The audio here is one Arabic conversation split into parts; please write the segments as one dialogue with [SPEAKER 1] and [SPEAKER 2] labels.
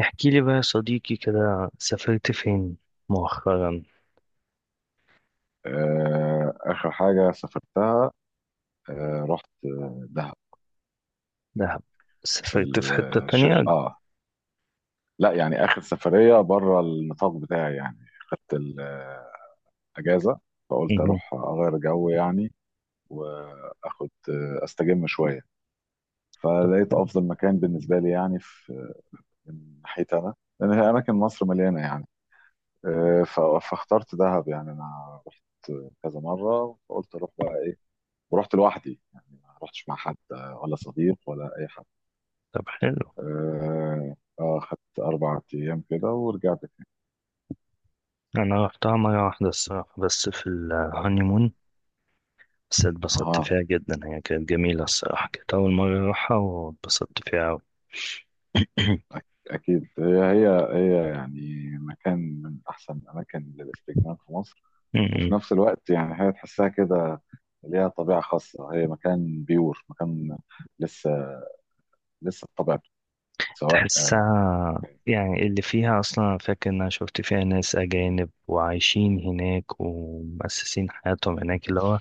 [SPEAKER 1] احكي لي بقى يا صديقي كده، سافرت فين مؤخرا؟
[SPEAKER 2] آخر حاجة سافرتها، رحت دهب.
[SPEAKER 1] دهب.
[SPEAKER 2] في
[SPEAKER 1] سافرت في حتة
[SPEAKER 2] الش...
[SPEAKER 1] تانية؟
[SPEAKER 2] آه لا، يعني آخر سفرية بره النطاق بتاعي يعني، خدت الأجازة، فقلت
[SPEAKER 1] مهم.
[SPEAKER 2] أروح أغير جو يعني، وآخد أستجم شوية.
[SPEAKER 1] طب.
[SPEAKER 2] فلقيت أفضل مكان بالنسبة لي يعني من ناحيتي أنا، لأن هي أماكن مصر مليانة يعني. آه، ف- فاخترت دهب، يعني أنا رحت كذا مرة، فقلت أروح بقى إيه، ورحت لوحدي يعني، ما رحتش مع حد، ولا صديق ولا أي حاجة.
[SPEAKER 1] طب حلو.
[SPEAKER 2] اه، خدت 4 ايام كده ورجعت تاني.
[SPEAKER 1] أنا رحتها مرة واحدة الصراحة، بس في الهانيمون. بس اتبسطت
[SPEAKER 2] اه،
[SPEAKER 1] فيها جدا، هي كانت جميلة الصراحة، كانت أول مرة أروحها واتبسطت فيها أوي.
[SPEAKER 2] أك- اكيد هي هي هي يعني مكان من احسن الاماكن للاستجمام في مصر.
[SPEAKER 1] مم.
[SPEAKER 2] وفي نفس الوقت يعني هي تحسها كده، ليها طبيعه خاصه، هي مكان بيور، مكان لسه، لسه بطبيعته، سواء
[SPEAKER 1] تحسها يعني اللي فيها أصلا، أنا فاكر إن أنا شفت فيها ناس أجانب وعايشين هناك ومؤسسين حياتهم هناك، اللي هو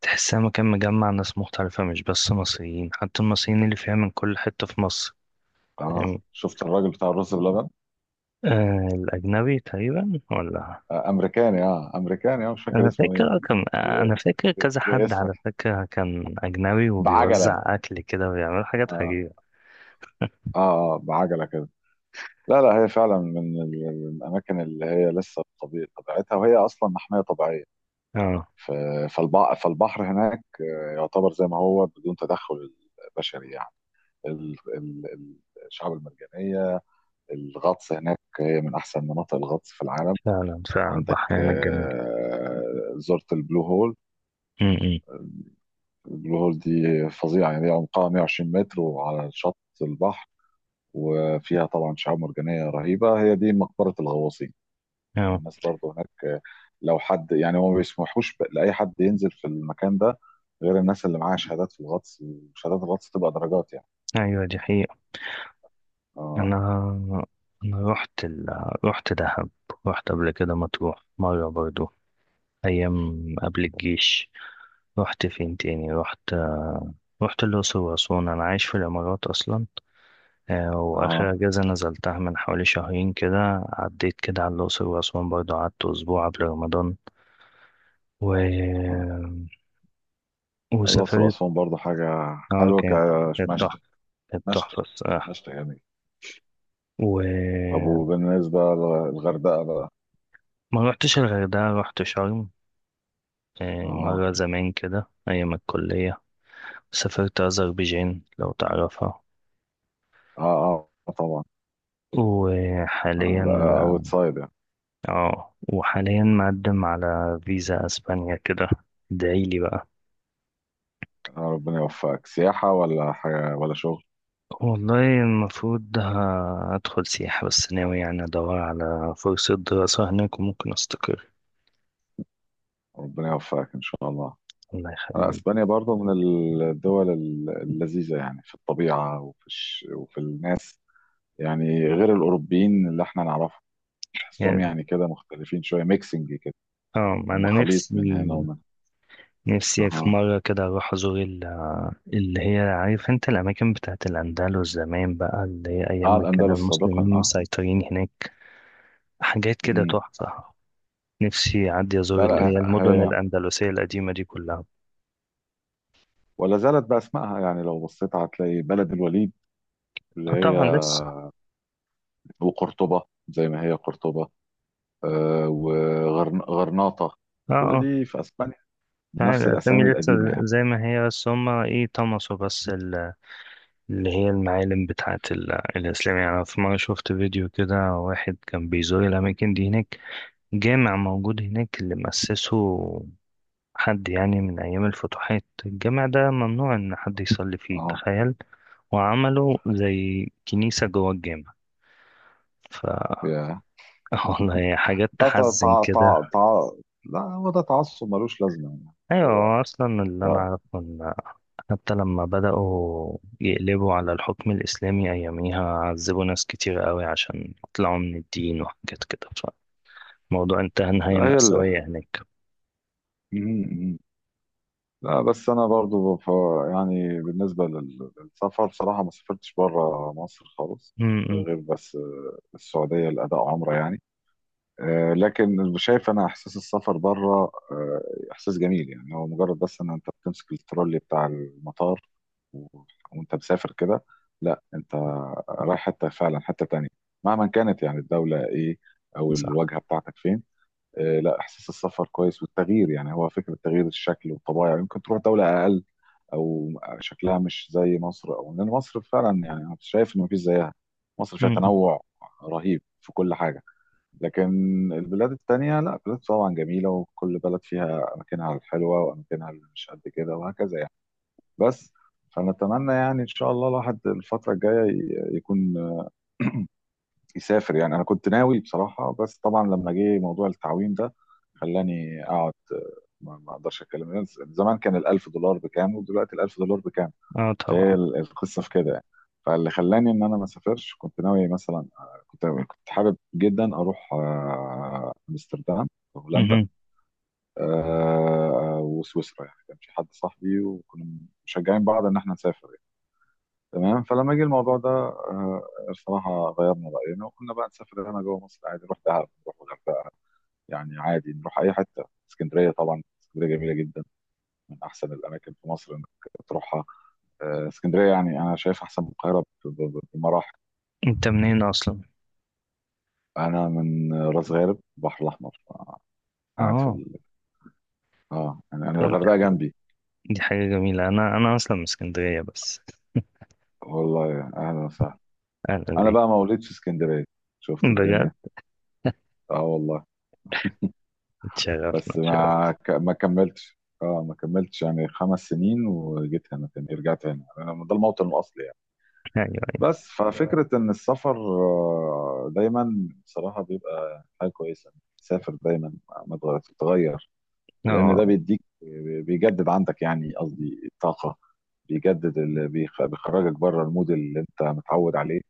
[SPEAKER 1] تحسها مكان مجمع ناس مختلفة، مش بس مصريين، حتى المصريين اللي فيها من كل حتة في مصر.
[SPEAKER 2] آه،
[SPEAKER 1] فاهمني؟
[SPEAKER 2] شفت الراجل بتاع الرز بلبن؟
[SPEAKER 1] آه، الأجنبي تقريبا ولا؟
[SPEAKER 2] آه، امريكاني، امريكاني، مش فاكر
[SPEAKER 1] أنا
[SPEAKER 2] اسمه ايه.
[SPEAKER 1] فاكر كان
[SPEAKER 2] ب-
[SPEAKER 1] أنا فاكر كذا حد
[SPEAKER 2] باسمك،
[SPEAKER 1] على فكرة، كان أجنبي
[SPEAKER 2] بعجله.
[SPEAKER 1] وبيوزع أكل كده ويعمل حاجات
[SPEAKER 2] اه
[SPEAKER 1] عجيبة.
[SPEAKER 2] بعجله كده. لا، لا، هي فعلا من الأماكن اللي هي لسه بطبيعة طبيعتها، وهي أصلا محمية طبيعية.
[SPEAKER 1] اه،
[SPEAKER 2] ف- فالبحر هناك، يعتبر زي ما هو بدون تدخل بشري يعني. ال- ال- ال- الشعاب المرجانية، الغطس هناك، هي من أحسن مناطق الغطس في العالم.
[SPEAKER 1] فعلا فعلا،
[SPEAKER 2] عندك،
[SPEAKER 1] البحرين الجميل.
[SPEAKER 2] زرت البلو هول؟
[SPEAKER 1] م-م.
[SPEAKER 2] البلو هول دي فظيعة يعني، هي عمقها 120 متر وعلى شط البحر، وفيها طبعا شعاب مرجانية رهيبة، هي دي مقبرة الغواصين.
[SPEAKER 1] اه،
[SPEAKER 2] الناس برضه هناك، لو حد يعني، هو ما بيسمحوش لأي حد ينزل في المكان ده، غير الناس اللي معاها شهادات في الغطس، وشهادات الغطس تبقى درجات يعني.
[SPEAKER 1] أيوة دي حقيقة.
[SPEAKER 2] اه،
[SPEAKER 1] أنا أنا رحت دهب. رحت قبل كده مطروح مرة برضو، أيام قبل الجيش. رحت فين تاني؟ رحت الأقصر وأسوان. أنا عايش في الإمارات أصلا. وآخر
[SPEAKER 2] اه،
[SPEAKER 1] أجازة نزلتها من حوالي شهرين كده، عديت كده على الأقصر وأسوان برضه، قعدت أسبوع قبل رمضان. و...
[SPEAKER 2] اه،
[SPEAKER 1] آه،
[SPEAKER 2] الأقصر
[SPEAKER 1] وسافرت.
[SPEAKER 2] وأسوان برضه حاجة
[SPEAKER 1] اه،
[SPEAKER 2] حلوة
[SPEAKER 1] كانت
[SPEAKER 2] كمشتى.
[SPEAKER 1] تحفة. كانت
[SPEAKER 2] مشتى،
[SPEAKER 1] تحفة الصراحة.
[SPEAKER 2] مشتى جميل. طب،
[SPEAKER 1] وما
[SPEAKER 2] وبالنسبة للغردقة بقى.
[SPEAKER 1] روحتش الغردقة، روحت شرم.
[SPEAKER 2] اه،
[SPEAKER 1] مرة زمان كده أيام الكلية. سافرت أذربيجان لو تعرفها.
[SPEAKER 2] اه، اه، طبعا.
[SPEAKER 1] وحاليا
[SPEAKER 2] اوت سايد يعني.
[SPEAKER 1] اه وحاليا مقدم على فيزا أسبانيا كده. ادعيلي بقى.
[SPEAKER 2] آه، ربنا يوفقك، سياحة ولا حاجة ولا شغل؟
[SPEAKER 1] والله المفروض هدخل سياحة، بس ناوي يعني أدور على فرصة دراسة هناك وممكن أستقر.
[SPEAKER 2] ربنا يوفقك إن شاء الله.
[SPEAKER 1] الله يخليك.
[SPEAKER 2] اسبانيا برضه من الدول اللذيذه، يعني في الطبيعه وفي وفي الناس، يعني غير الاوروبيين اللي احنا نعرفهم، تحسهم
[SPEAKER 1] يعني-
[SPEAKER 2] يعني كده مختلفين شويه، ميكسنج كده،
[SPEAKER 1] اه
[SPEAKER 2] هم
[SPEAKER 1] أنا
[SPEAKER 2] خليط من
[SPEAKER 1] نفسي.
[SPEAKER 2] هنا ومن.
[SPEAKER 1] نفسي في
[SPEAKER 2] اها،
[SPEAKER 1] مرة كده أروح أزور اللي هي عارف أنت الأماكن بتاعت الأندلس زمان بقى، اللي هي أيام
[SPEAKER 2] اه،
[SPEAKER 1] ما كانوا
[SPEAKER 2] الاندلس سابقا.
[SPEAKER 1] المسلمين
[SPEAKER 2] اه.
[SPEAKER 1] مسيطرين هناك. حاجات كده
[SPEAKER 2] مهم.
[SPEAKER 1] تحفة. نفسي أعدي
[SPEAKER 2] لا،
[SPEAKER 1] أزور اللي هي
[SPEAKER 2] لا،
[SPEAKER 1] المدن
[SPEAKER 2] هي
[SPEAKER 1] الأندلسية القديمة دي كلها.
[SPEAKER 2] ولا زالت باسمائها، يعني لو بصيت هتلاقي بلد الوليد، اللي
[SPEAKER 1] آه
[SPEAKER 2] هي،
[SPEAKER 1] طبعا لسه.
[SPEAKER 2] وقرطبه، زي ما هي قرطبه، آه وغرناطه،
[SPEAKER 1] اه،
[SPEAKER 2] كل
[SPEAKER 1] آه.
[SPEAKER 2] دي في اسبانيا
[SPEAKER 1] يعني
[SPEAKER 2] بنفس
[SPEAKER 1] الأسامي
[SPEAKER 2] الاسامي
[SPEAKER 1] لسه
[SPEAKER 2] القديمه يعني.
[SPEAKER 1] زي ما هي، بس هما إيه طمسوا بس اللي هي المعالم بتاعة الإسلام. يعني أنا في مرة شفت فيديو كده، واحد كان بيزور الأماكن دي هناك. جامع موجود هناك اللي مؤسسه حد يعني من أيام الفتوحات، الجامع ده ممنوع إن حد يصلي فيه، تخيل. وعملوا زي كنيسة جوه الجامع. ف
[SPEAKER 2] اه،
[SPEAKER 1] والله حاجات
[SPEAKER 2] ده
[SPEAKER 1] تحزن كده.
[SPEAKER 2] لا، هو ده تعصب ملوش لازمة يعني.
[SPEAKER 1] أيوة،
[SPEAKER 2] هو
[SPEAKER 1] هو أصلا اللي أنا
[SPEAKER 2] لا،
[SPEAKER 1] أعرفه. حتى لما بدأوا يقلبوا على الحكم الإسلامي أياميها، عذبوا ناس كتير قوي عشان يطلعوا من الدين وحاجات كده. فالموضوع انتهى
[SPEAKER 2] لا،
[SPEAKER 1] نهاية
[SPEAKER 2] هي اللي
[SPEAKER 1] مأساوية هناك.
[SPEAKER 2] لا، بس انا برضو يعني بالنسبة للسفر بصراحة ما سافرتش بره مصر خالص،
[SPEAKER 1] امم امم،
[SPEAKER 2] غير بس السعودية لأداء عمرة يعني. لكن شايف انا احساس السفر بره، احساس جميل يعني، هو مجرد بس ان انت بتمسك الترولي بتاع المطار، و... وانت مسافر كده، لا انت رايح حته فعلا حته تانية، مهما كانت يعني الدوله ايه، او
[SPEAKER 1] صح.
[SPEAKER 2] الواجهه بتاعتك فين. لا، احساس السفر كويس، والتغيير يعني هو فكره تغيير الشكل والطبايع. يمكن تروح دوله اقل، او شكلها مش زي مصر، او لان مصر فعلا، يعني انا شايف ان مفيش زيها. مصر فيها
[SPEAKER 1] امم امم.
[SPEAKER 2] تنوع رهيب في كل حاجه. لكن البلاد التانية، لا، بلاد طبعا جميلة، وكل بلد فيها أماكنها الحلوة وأماكنها اللي مش قد كده، وهكذا يعني. بس فنتمنى يعني إن شاء الله الواحد الفترة الجاية يكون يسافر يعني. أنا كنت ناوي بصراحة، بس طبعا لما جه موضوع التعويم ده خلاني أقعد، ما أقدرش أتكلم. زمان كان الألف دولار بكام، ودلوقتي الألف دولار بكام؟
[SPEAKER 1] اه طبعا.
[SPEAKER 2] فهي القصه في كده يعني. فاللي خلاني ان انا ما اسافرش، كنت ناوي مثلا، كنت حابب جدا اروح، امستردام، هولندا،
[SPEAKER 1] امم
[SPEAKER 2] وسويسرا يعني. كان في حد صاحبي، وكنا مشجعين بعض ان احنا نسافر يعني. تمام، فلما جه الموضوع ده، الصراحه غيرنا راينا، وقلنا بقى نسافر هنا جوه مصر عادي، نروح دهب، نروح الغردقه، يعني عادي نروح اي حته. اسكندريه، طبعا اسكندريه جميله جدا، من احسن الاماكن في مصر انك تروحها. اسكندريه يعني انا شايف احسن من القاهره بمراحل.
[SPEAKER 1] انت منين أصلا؟
[SPEAKER 2] انا من راس غارب، البحر الاحمر، قاعد في
[SPEAKER 1] اه،
[SPEAKER 2] ال... اه يعني انا
[SPEAKER 1] طب
[SPEAKER 2] الغردقه جنبي.
[SPEAKER 1] دي حاجة جميلة، أنا أصلا من اسكندرية بس.
[SPEAKER 2] والله اهلا وسهلا.
[SPEAKER 1] أنا
[SPEAKER 2] انا
[SPEAKER 1] دي
[SPEAKER 2] بقى مولود في اسكندريه، شفت
[SPEAKER 1] بجد؟
[SPEAKER 2] الدنيا، اه والله.
[SPEAKER 1] اتشرفنا
[SPEAKER 2] بس
[SPEAKER 1] اتشرفنا.
[SPEAKER 2] ما كملتش يعني 5 سنين، وجيت هنا تاني، رجعت هنا، انا ده الموطن الاصلي يعني.
[SPEAKER 1] أيوة
[SPEAKER 2] بس. ففكره ان السفر دايما بصراحه بيبقى حاجه كويسه. سافر دايما، ما تغير تتغير،
[SPEAKER 1] أيوة.
[SPEAKER 2] لان
[SPEAKER 1] اه،
[SPEAKER 2] ده بيديك، بيجدد عندك، يعني قصدي الطاقه، بيجدد بيخرجك بره المود اللي انت متعود عليه.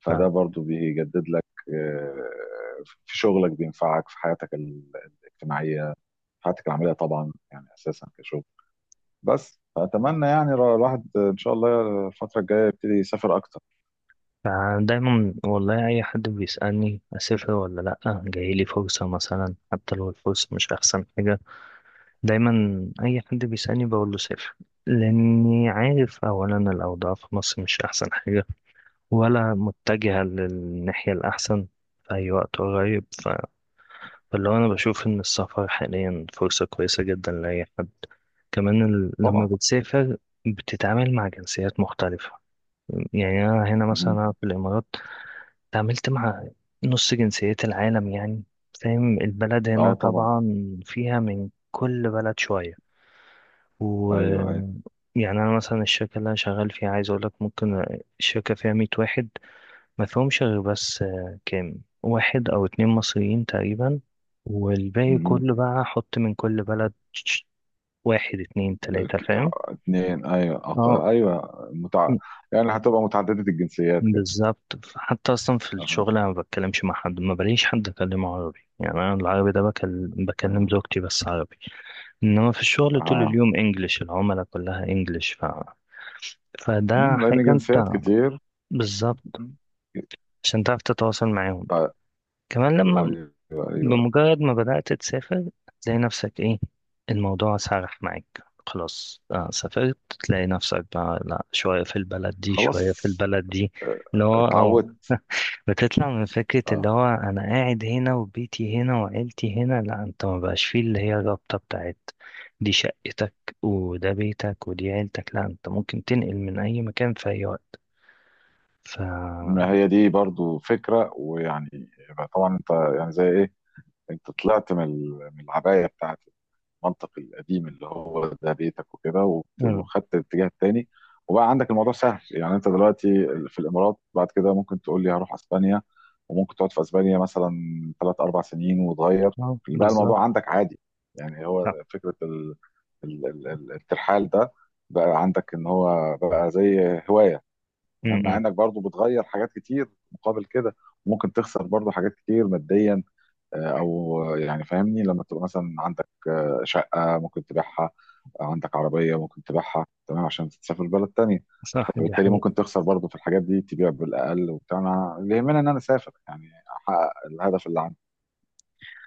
[SPEAKER 2] فده
[SPEAKER 1] فعلا.
[SPEAKER 2] برضو بيجدد لك، في شغلك، بينفعك في حياتك الاجتماعيه، في حياتك العمليه، طبعا يعني اساسا كشغل. بس فاتمنى يعني الواحد ان شاء الله الفتره الجايه يبتدي يسافر اكتر.
[SPEAKER 1] فدايما، والله، أي حد بيسألني أسافر ولا لأ، جايلي فرصة مثلا، حتى لو الفرصة مش أحسن حاجة، دايما أي حد بيسألني بقول له سافر. لأني عارف أولا الأوضاع في مصر مش أحسن حاجة، ولا متجهة للناحية الأحسن في أي وقت قريب. فاللي هو أنا بشوف إن السفر حاليا فرصة كويسة جدا لأي حد. كمان لما
[SPEAKER 2] طبعا.
[SPEAKER 1] بتسافر، بتتعامل مع جنسيات مختلفة. يعني أنا هنا مثلا،
[SPEAKER 2] مهم.
[SPEAKER 1] أنا في الإمارات تعاملت مع نص جنسيات العالم يعني. فاهم البلد
[SPEAKER 2] اه،
[SPEAKER 1] هنا
[SPEAKER 2] طبعا.
[SPEAKER 1] طبعا فيها من كل بلد شوية. و
[SPEAKER 2] ايوه، ايوه.
[SPEAKER 1] يعني أنا مثلا الشركة اللي أنا شغال فيها، عايز أقولك ممكن الشركة فيها 100 واحد، ما فيهمش غير بس كام واحد أو اتنين مصريين تقريبا. والباقي
[SPEAKER 2] مهم.
[SPEAKER 1] كله بقى حط من كل بلد، واحد اتنين تلاتة،
[SPEAKER 2] ك-
[SPEAKER 1] فاهم.
[SPEAKER 2] اتنين، ايوه.
[SPEAKER 1] اه
[SPEAKER 2] ايوه. يعني هتبقى متعدده الجنسيات كده.
[SPEAKER 1] بالظبط. حتى اصلا في
[SPEAKER 2] اها،
[SPEAKER 1] الشغل انا ما بتكلمش مع حد، ما بلاقيش حد اكلمه عربي. يعني انا العربي ده بكلم
[SPEAKER 2] اها،
[SPEAKER 1] زوجتي بس عربي. انما في الشغل طول
[SPEAKER 2] اها،
[SPEAKER 1] اليوم انجليش، العملاء كلها انجليش. فده حاجة
[SPEAKER 2] لان
[SPEAKER 1] انت.
[SPEAKER 2] جنسيات كتير.
[SPEAKER 1] بالظبط،
[SPEAKER 2] مم.
[SPEAKER 1] عشان تعرف تتواصل معاهم.
[SPEAKER 2] طيب.
[SPEAKER 1] كمان
[SPEAKER 2] ايوه، ايوه،
[SPEAKER 1] بمجرد ما بدأت تسافر، تلاقي نفسك ايه، الموضوع سرح معاك خلاص، سافرت. تلاقي نفسك بقى لا، شوية في البلد دي
[SPEAKER 2] خلاص،
[SPEAKER 1] شوية في البلد دي.
[SPEAKER 2] آه،
[SPEAKER 1] اللي هو
[SPEAKER 2] اتعودت.
[SPEAKER 1] بتطلع من فكرة
[SPEAKER 2] اه،
[SPEAKER 1] اللي هو أنا قاعد هنا وبيتي هنا وعيلتي هنا. لا أنت ما بقاش فيه اللي هي الرابطة بتاعت دي شقتك وده بيتك ودي عيلتك، لا أنت ممكن تنقل من أي مكان في أي وقت. ف
[SPEAKER 2] ما هي دي برضو فكره، ويعني يبقى طبعا انت، يعني زي ايه، انت طلعت من من العبايه بتاعت المنطق القديم، اللي هو ده بيتك وكده،
[SPEAKER 1] مم.
[SPEAKER 2] وخدت الاتجاه التاني، وبقى عندك الموضوع سهل يعني. انت دلوقتي في الامارات، بعد كده ممكن تقول لي هروح اسبانيا، وممكن تقعد في اسبانيا مثلا 3 أو 4 سنين وتغير.
[SPEAKER 1] اه
[SPEAKER 2] بقى
[SPEAKER 1] بالظبط.
[SPEAKER 2] الموضوع عندك عادي، يعني هو
[SPEAKER 1] صح.
[SPEAKER 2] فكره الترحال ده، بقى عندك ان هو بقى زي هوايه. تمام، مع
[SPEAKER 1] مم.
[SPEAKER 2] انك برضو بتغير حاجات كتير مقابل كده، ممكن تخسر برضو حاجات كتير ماديا. او يعني فاهمني، لما تبقى مثلا عندك شقة ممكن تبيعها، عندك عربية ممكن تبيعها، تمام، عشان تسافر بلد تانية.
[SPEAKER 1] صح دي
[SPEAKER 2] فبالتالي ممكن
[SPEAKER 1] حقيقة.
[SPEAKER 2] تخسر برضه في الحاجات دي، تبيع بالأقل وبتاع، اللي يهمني إن أنا أسافر يعني، أحقق الهدف اللي عندي.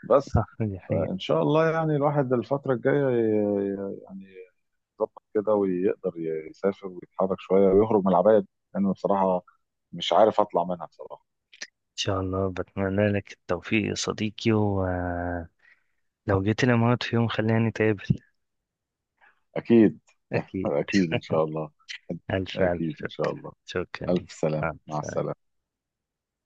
[SPEAKER 2] بس
[SPEAKER 1] صح دي حقيقة.
[SPEAKER 2] فإن شاء الله يعني الواحد الفترة الجاية يعني يظبط كده، ويقدر يسافر ويتحرك شوية، ويخرج من العباية دي. لأن بصراحة مش عارف أطلع منها بصراحة.
[SPEAKER 1] إن شاء الله، بتمنى لك التوفيق يا صديقي، ولو جيت الإمارات في يوم خلينا نتقابل.
[SPEAKER 2] أكيد.
[SPEAKER 1] أكيد.
[SPEAKER 2] أكيد إن شاء الله.
[SPEAKER 1] ألف ألف
[SPEAKER 2] أكيد إن شاء
[SPEAKER 1] شكرا
[SPEAKER 2] الله.
[SPEAKER 1] شكرا ليك.
[SPEAKER 2] ألف سلامة،
[SPEAKER 1] مع
[SPEAKER 2] مع
[SPEAKER 1] السلامة.
[SPEAKER 2] السلامة.